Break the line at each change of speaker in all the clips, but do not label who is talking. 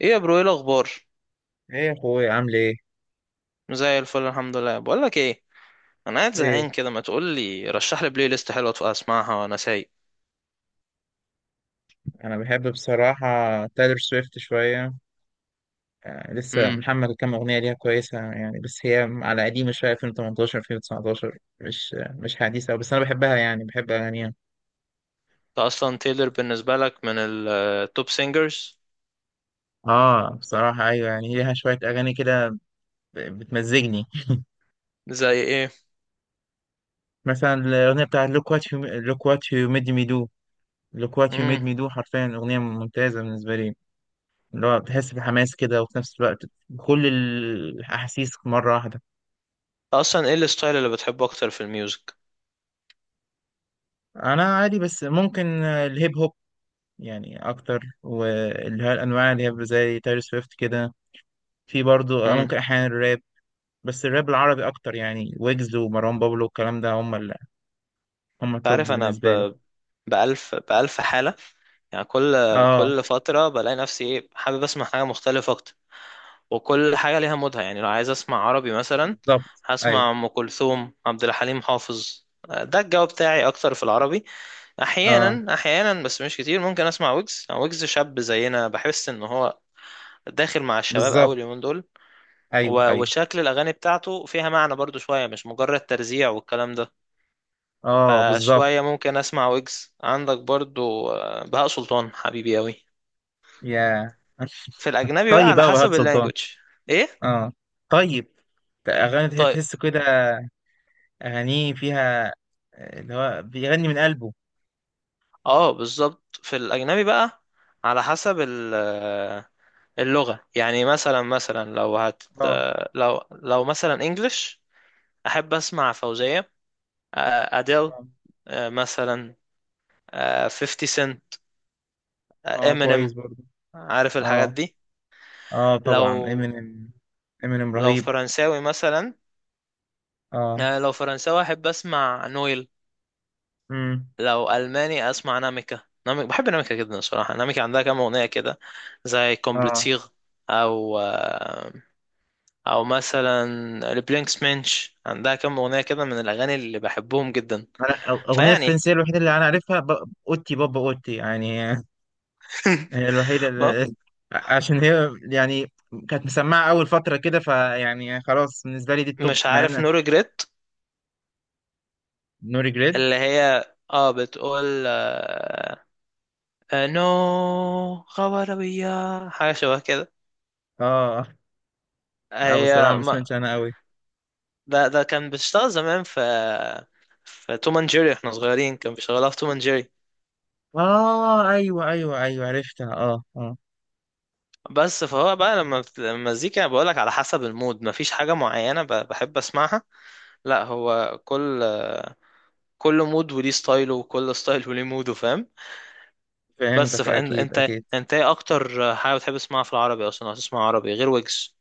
ايه يا برو، ايه الاخبار؟
ايه يا اخويا عامل ايه.
زي الفل، الحمد لله. بقول لك ايه، انا قاعد زهقان
ايه،
كده، ما تقول لي رشح لي بلاي ليست حلوه تبقى اسمعها وانا سايق.
انا بحب بصراحه تايلر سويفت شويه. آه، لسه
امم
محمل كام اغنيه ليها كويسه يعني، بس هي على قديمه شويه، 2018 2019، مش حديثه، بس انا بحبها يعني، بحب اغانيها.
انت اصلا تايلر بالنسبه لك من التوب سينجرز؟
اه بصراحه ايوه، يعني ليها شويه اغاني كده بتمزجني.
زي ايه؟
مثلا الاغنيه بتاعت look what you, look what you made me do. look what you made
انت
me do حرفيا اغنيه ممتازه بالنسبه لي. اللي هو بتحس بحماس كده، وفي نفس الوقت كل الاحاسيس مره واحده.
اصلا ايه الستايل اللي بتحبه اكتر في الميوزك؟
انا عادي، بس ممكن الهيب هوب يعني اكتر، واللي هي الانواع اللي هي زي تايلور سويفت كده. في برضو
امم
ممكن احيانا الراب. بس الراب العربي اكتر، يعني ويجز ومروان بابلو والكلام ده هم ال... هم
انت
التوب
عارف انا
بالنسبه لي.
بألف بألف حاله، يعني كل
اه
كل فتره بلاقي نفسي ايه، حابب اسمع حاجه مختلفه اكتر، وكل حاجة ليها مودها. يعني لو عايز أسمع عربي مثلا،
بالظبط، ايوه.
هسمع أم كلثوم، عبد الحليم حافظ، ده الجو بتاعي أكتر في العربي.
اه
أحيانا أحيانا بس مش كتير ممكن أسمع ويجز، يعني ويجز شاب زينا، بحس إن هو داخل مع الشباب أوي
بالظبط،
اليومين دول.
ايوه ايوه.
وشكل الأغاني بتاعته فيها معنى برضو شوية، مش مجرد ترزيع والكلام ده.
اه بالظبط.
فشوية ممكن أسمع ويجز. عندك برضو بهاء سلطان حبيبي أوي.
يا
في الأجنبي بقى
طيب
على
بقى وهاب
حسب
سلطان.
اللانجوج. إيه؟
اه، طيب. اغاني
طيب.
تحس كده. اغانيه فيها اللي هو بيغني من قلبه.
اه بالظبط في الاجنبي بقى على حسب اللغه. يعني مثلا لو هت
اه.
آه، لو لو مثلا انجلش، احب اسمع فوزيه، اديل،
اه.
مثلا 50 سنت،
كويس
امينيم.
برضو.
عارف الحاجات
اه.
دي؟
اه طبعا
لو
امينيم. امينيم
لو
رهيب.
فرنساوي مثلا
اه.
لو فرنساوي احب اسمع نويل.
امم.
لو الماني اسمع ناميكا. ناميكا، بحب ناميكا جدا الصراحه. ناميكا عندها كام اغنيه كده زي
اه.
كومبليتسيغ، او آه، او مثلا البلينكس منش، عندها كام اغنيه كده من الاغاني اللي بحبهم جدا.
انا اغنيه
فيعني
الفرنسيه الوحيده اللي انا عارفها ب... اوتي بابا اوتي يعني. هي الوحيده
ما-
اللي... عشان هي يعني كانت مسمعه اول فتره كده، فيعني خلاص بالنسبه لي دي التوب،
مش
مع
عارف
ان...
نو ريجريت،
نو ريجريت.
اللي هي اه، بتقول نو غواربية، حاجه شبه كده.
اه. لا بصراحه
هي
ما
ما
سمعتش انا قوي.
ده كان بيشتغل زمان في توم اند جيري، احنا صغيرين كان بيشغلها في توم اند جيري.
اه ايوه ايوه ايوه، عرفتها. اه اه.
بس فهو بقى لما المزيكا، بقولك على حسب المود، مفيش حاجة معينة بحب اسمعها. لا هو كل مود وليه ستايله، وكل ستايل وليه موده، فاهم؟ بس
فهمتك،
فانت
اكيد
انت
اكيد.
انت ايه اكتر حاجه بتحب تسمعها في العربي اصلا، لو هتسمع عربي غير ويجز؟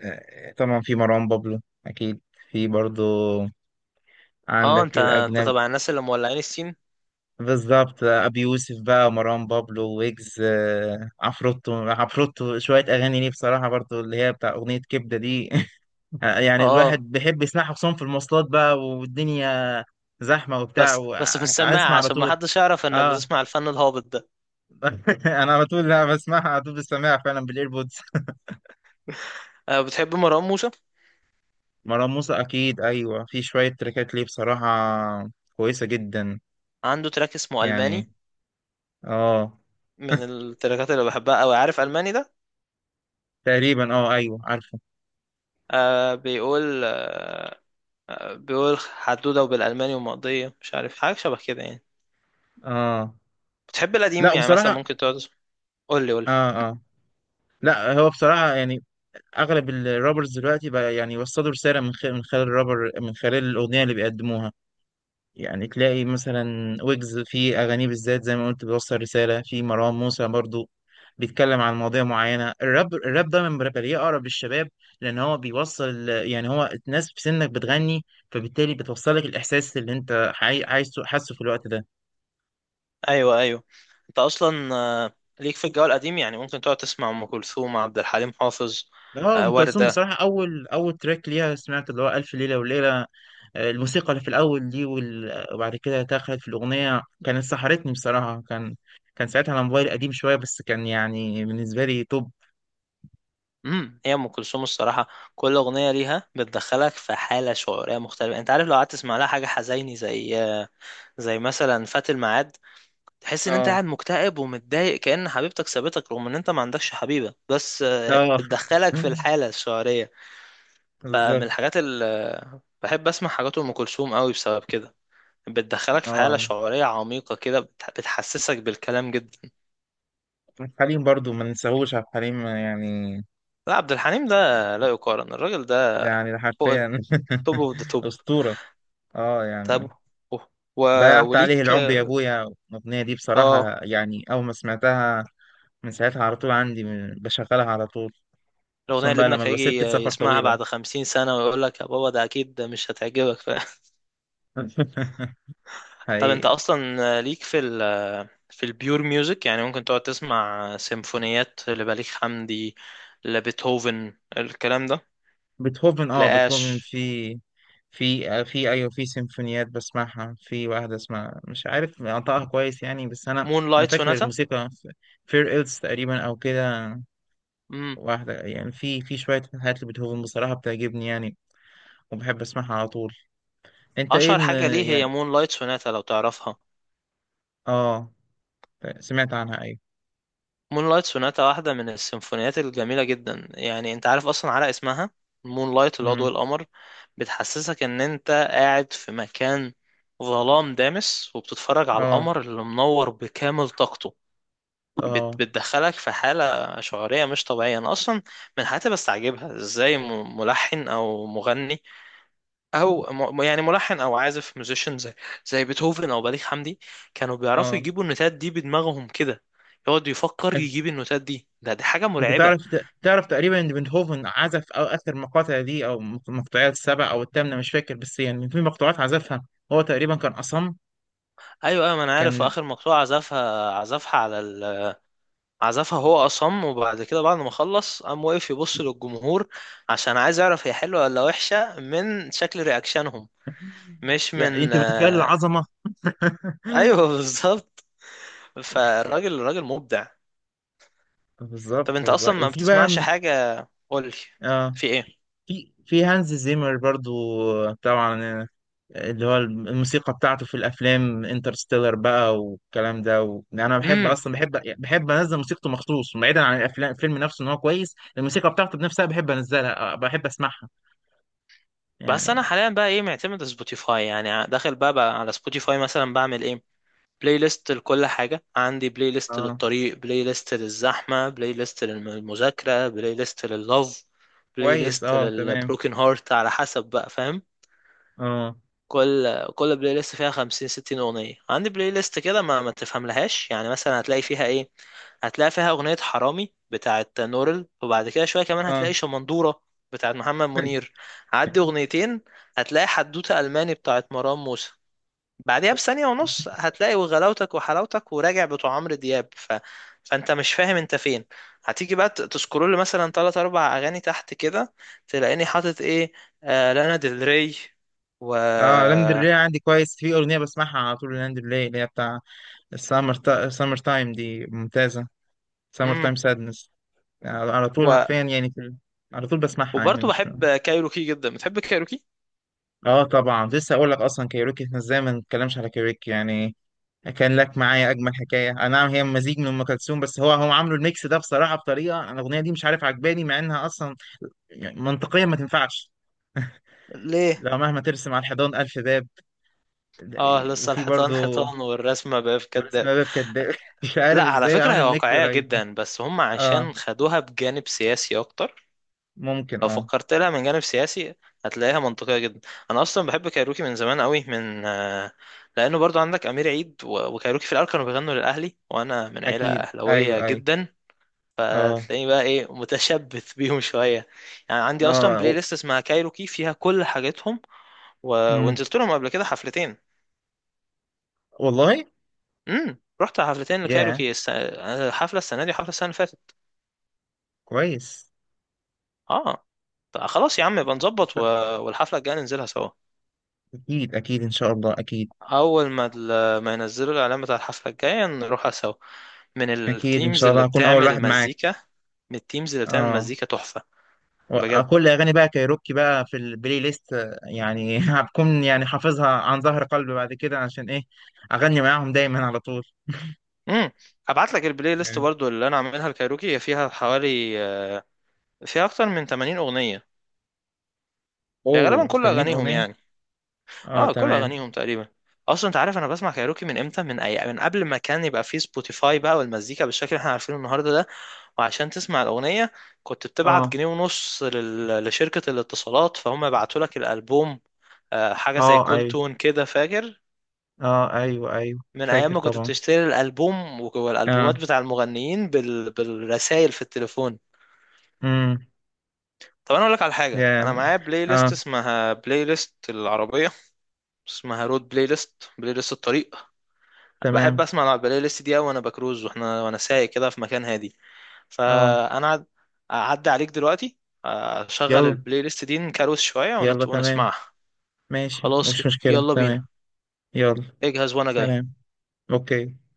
طبعا في مروان بابلو اكيد. في برضو
اه،
عندك
انت
الاجنبي.
طبعا الناس اللي مولعين السين.
بالظبط، ابي يوسف بقى، مروان بابلو، ويجز، عفروتو. عفروتو شويه اغاني ليه بصراحه برضو، اللي هي بتاع اغنيه كبده دي.
اه
يعني الواحد
آه.
بيحب يسمعها، خصوصا في المواصلات بقى والدنيا زحمه وبتاع،
بس في السماعه
واسمع على
عشان ما
طول.
حدش يعرف انك
اه.
بتسمع الفن الهابط ده.
انا على طول، لا بسمعها على طول، بسمعها فعلا بالايربودز.
آه، بتحب مروان موسى؟
مروان موسى اكيد ايوه، في شويه تريكات ليه بصراحه كويسه جدا.
عنده تراك اسمه الماني،
يعني. اه.
من التراكات اللي بحبها قوي. عارف الماني ده؟
تقريبا اه ايوه عارفه.
آه بيقول آه آه، بيقول حدوده وبالالماني ومقضيه، مش عارف، حاجه شبه كده يعني.
اه.
بتحب القديم؟
لا
يعني مثلا
بصراحه.
ممكن تقعد، قول لي، قول
اه.
لي.
آه. لا هو بصراحة يعني أغلب الرابرز دلوقتي بقى يعني وصلوا رسالة من خلال الرابر، من خلال الأغنية اللي بيقدموها. يعني تلاقي مثلا ويجز في أغانيه بالذات زي ما قلت بيوصل رسالة، في مروان موسى برضو بيتكلم عن مواضيع معينة. الراب ده من برابليه أقرب للشباب، لأن هو بيوصل، يعني هو الناس في سنك بتغني، فبالتالي بتوصلك الإحساس اللي أنت عايزه حاسه في الوقت ده.
ايوه، ايوه. انت اصلا ليك في الجو القديم؟ يعني ممكن تقعد تسمع ام كلثوم، عبد الحليم حافظ،
اه. ام كلثوم
وردة.
بصراحه، اول تراك ليها سمعت اللي هو الف ليله وليله. الموسيقى اللي في الاول دي وبعد كده دخلت في الاغنيه كانت سحرتني بصراحه. كان ساعتها على موبايل قديم شويه، بس كان يعني بالنسبه لي توب.
هي ام كلثوم الصراحه كل اغنيه ليها بتدخلك في حاله شعوريه مختلفه، انت عارف؟ لو قعدت تسمع لها حاجه حزيني زي زي مثلا فات الميعاد، تحس ان انت
اه.
قاعد مكتئب ومتضايق كأن حبيبتك سابتك، رغم ان انت ما عندكش حبيبه، بس
اه.
بتدخلك في الحاله الشعوريه. فمن
بالظبط.
الحاجات اللي بحب اسمع حاجات ام كلثوم قوي بسبب كده، بتدخلك في حالة
اه
شعورية عميقة كده، بتحسسك بالكلام جدا.
عبد الحليم برضو، ما ننساهوش عبد الحليم يعني.
لا عبد الحليم ده لا يقارن، الراجل
ده
ده
يعني ده
فوق.
حرفيا.
التوب اوف ذا توب.
اسطوره. اه
تابو.
يعني.
أوه. و...
ضيعت عليه
وليك
العمر يا ابويا، الاغنيه دي
اه.
بصراحه يعني اول ما سمعتها، من ساعتها على طول عندي، بشغلها على طول. خصوصا
الأغنية اللي
بقى لما
ابنك
بيبقى
هيجي
سكة سفر
يسمعها
طويلة.
بعد 50 سنة ويقول لك يا بابا، ده أكيد ده مش هتعجبك طب أنت
حقيقي.
أصلا ليك في في البيور ميوزك، يعني ممكن تقعد تسمع سيمفونيات لبليغ حمدي، لبيتهوفن، الكلام ده؟
بيتهوفن. اه بيتهوفن،
لآش.
في في ايوه، في سيمفونيات بسمعها. في واحدة اسمها مش عارف انطقها كويس يعني، بس انا،
مون
انا
لايت
فاكر
سوناتا،
الموسيقى. فير إلز تقريبا او كده. واحدة يعني، في في شوية حاجات لبيتهوفن بصراحة بتعجبني يعني، وبحب اسمعها على طول. انت ايه
اشهر حاجه ليه هي
يعني.
مون لايت سوناتا، لو تعرفها.
اه. سمعت عنها ايوه.
مون لايت سوناتا واحده من السيمفونيات الجميله جدا. يعني انت عارف اصلا على اسمها، مون لايت اللي هو ضوء
امم.
القمر، بتحسسك ان انت قاعد في مكان ظلام دامس، وبتتفرج على
اه.
القمر اللي منور بكامل طاقته،
اه.
بتدخلك في حاله شعوريه مش طبيعيه. انا اصلا من الحاجات اللي بستعجبها، ازاي ملحن او مغني، او يعني ملحن او عازف ميوزيشن زي، بيتهوفن او بليغ حمدي، كانوا بيعرفوا
اه.
يجيبوا النوتات دي بدماغهم كده، يقعد يفكر يجيب النوتات دي، دي حاجه
انت
مرعبه.
تعرف، تعرف تقريبا ان بيتهوفن عزف او اخر مقاطع دي، او المقطوعات السبع او الثامنه، مش فاكر، بس يعني في مقطوعات عزفها هو تقريبا كان اصم.
ايوه ايوه، ما انا عارف. في
كان.
اخر مقطوعه عزفها هو اصم، وبعد كده بعد ما خلص قام واقف يبص للجمهور عشان عايز يعرف هي حلوه ولا وحشه من شكل رياكشنهم، مش
يعني
من.
انت متخيل العظمه.
ايوه، بالظبط. فالراجل مبدع. طب
بالظبط
انت
والله.
اصلا ما
وفي بقى
بتسمعش حاجه؟ قولي،
اه،
في
في هانز زيمر برضو طبعا، اللي هو الموسيقى بتاعته في الافلام انترستيلر بقى والكلام ده، و... انا بحب،
ايه؟
اصلا بحب، بحب انزل موسيقته مخصوص، بعيدا عن الافلام، الفيلم نفسه ان هو كويس، الموسيقى بتاعته بنفسها بحب انزلها، بحب اسمعها
بس انا
يعني.
حاليا بقى ايه، معتمد سبوتيفاي. يعني داخل بقى على سبوتيفاي، مثلا بعمل ايه؟ بلاي ليست لكل حاجة. عندي بلاي ليست
اه
للطريق، بلاي ليست للزحمة، بلاي ليست للمذاكرة، بلاي ليست لللوف، بلاي
كويس
ليست
اه تمام.
للبروكن هارت، على حسب بقى، فاهم؟
اه
كل بلاي ليست فيها 50 60 اغنيه. عندي بلاي ليست كده ما تفهملهاش. يعني مثلا هتلاقي فيها ايه؟ هتلاقي فيها اغنيه حرامي بتاعت نورل، وبعد كده شويه كمان
اه.
هتلاقي شمندوره بتاعت محمد منير، عدي اغنيتين هتلاقي حدوته الماني بتاعت مروان موسى، بعدها بثانية ونص هتلاقي وغلاوتك وحلاوتك وراجع بتوع عمرو دياب، فانت مش فاهم انت فين. هتيجي بقى تسكرول مثلا تلات اربع اغاني تحت كده، تلاقيني حاطط ايه؟ آه، لانا ديل ري، و
اه، لاندرليه عندي كويس، في اغنيه بسمعها على طول، لاندرليه اللي هي بتاع السمر سمر تايم دي ممتازه. سمر
مم.
تايم سادنس، على طول
و...
حرفيا يعني في... على طول بسمعها يعني
وبرضه
مش...
بحب كايروكي جدا. بتحب كايروكي؟
اه طبعا، لسه اقول لك، اصلا كايروكي احنا ازاي ما نتكلمش على كايروكي يعني. كان لك معايا اجمل حكايه، انا نعم هي مزيج من ام كلثوم، بس هم عاملوا الميكس ده بصراحه بطريقه، انا الاغنيه دي مش عارف عجباني مع انها اصلا يعني منطقيا ما تنفعش.
ليه؟
لو مهما ترسم على الحيطان الف باب.
اه،
إيه،
لسه
وفي
الحيطان
برضه.
حيطان، والرسمة بقى في
ورسم
كداب.
باب كداب. مش
لا،
عارف
على
ازاي
فكرة هي
عملوا الميكس
واقعية
رهيب ده.
جدا، بس هم
اه
عشان خدوها بجانب سياسي اكتر.
ممكن
لو
اه.
فكرت لها من جانب سياسي، هتلاقيها منطقية جدا. انا اصلا بحب كايروكي من زمان قوي، من لانه برضو عندك امير عيد، وكايروكي في الاول كانوا بيغنوا للاهلي، وانا من عيلة
اكيد ايوه
اهلاوية
ايوه.
جدا،
اه
فتلاقيني بقى ايه، متشبث بيهم شوية. يعني عندي اصلا
اه.
بلاي
و...
ليست اسمها كايروكي فيها كل حاجاتهم،
مم.
ونزلت لهم قبل كده حفلتين.
والله.
رحت حفلتين
يا.
لكايروكي، حفلة السنة دي وحفلة السنة اللي فاتت.
كويس.
اه. طب خلاص يا عم، يبقى نظبط، والحفلة الجاية ننزلها سوا.
اكيد اكيد ان شاء الله اكيد.
اول ما ما ينزلوا الاعلان بتاع الحفله الجايه، نروحها سوا. من
اكيد ان
التيمز
شاء الله
اللي
هكون اول
بتعمل
واحد معاك.
مزيكا، من التيمز اللي بتعمل
اه.
مزيكا تحفه،
و-
بجد.
كل اغاني بقى كايروكي بقى في البلاي ليست، يعني هبكون يعني حافظها عن ظهر قلب بعد كده عشان ايه. اغني معاهم دايما على طول.
امم هبعت لك البلاي ليست
يعني.
برضو اللي انا عاملها الكايروكي، هي فيها حوالي فيها اكتر من 80 اغنيه، يعني غالبا
اوه
كل
80
اغانيهم.
اغنيه.
يعني
اه
اه، كل
تمام.
اغانيهم تقريبا. اصلا انت عارف انا بسمع كايروكي من امتى؟ من قبل ما كان يبقى فيه سبوتيفاي بقى، والمزيكا بالشكل اللي احنا عارفينه النهارده ده. وعشان تسمع الاغنيه كنت بتبعت
اه.
جنيه ونص لشركه الاتصالات فهم يبعتوا لك الالبوم، حاجه زي
اه
كول
ايوه.
تون كده، فاكر؟
اه ايوه ايوه
من ايام
فاكر
ما كنت
طبعا.
بتشتري الالبوم والالبومات
اه.
بتاع المغنيين بالرسايل في التليفون.
امم.
طب انا اقول لك على حاجه، انا
يا.
معايا بلاي ليست
اه
اسمها بلاي ليست العربيه، اسمها رود بلاي ليست، بلاي ليست الطريق. بحب
تمام.
اسمع على البلاي ليست دي أوي وانا بكروز، وانا سايق كده في مكان هادي.
اه.
فانا هعد- هعدي عليك دلوقتي، اشغل
يلا.
البلاي ليست دي نكروز شوية
يلا تمام.
ونسمعها.
ماشي،
خلاص
مش مشكله،
يلا بينا،
تمام. يلا.
اجهز وانا جاي.
سلام. اوكي.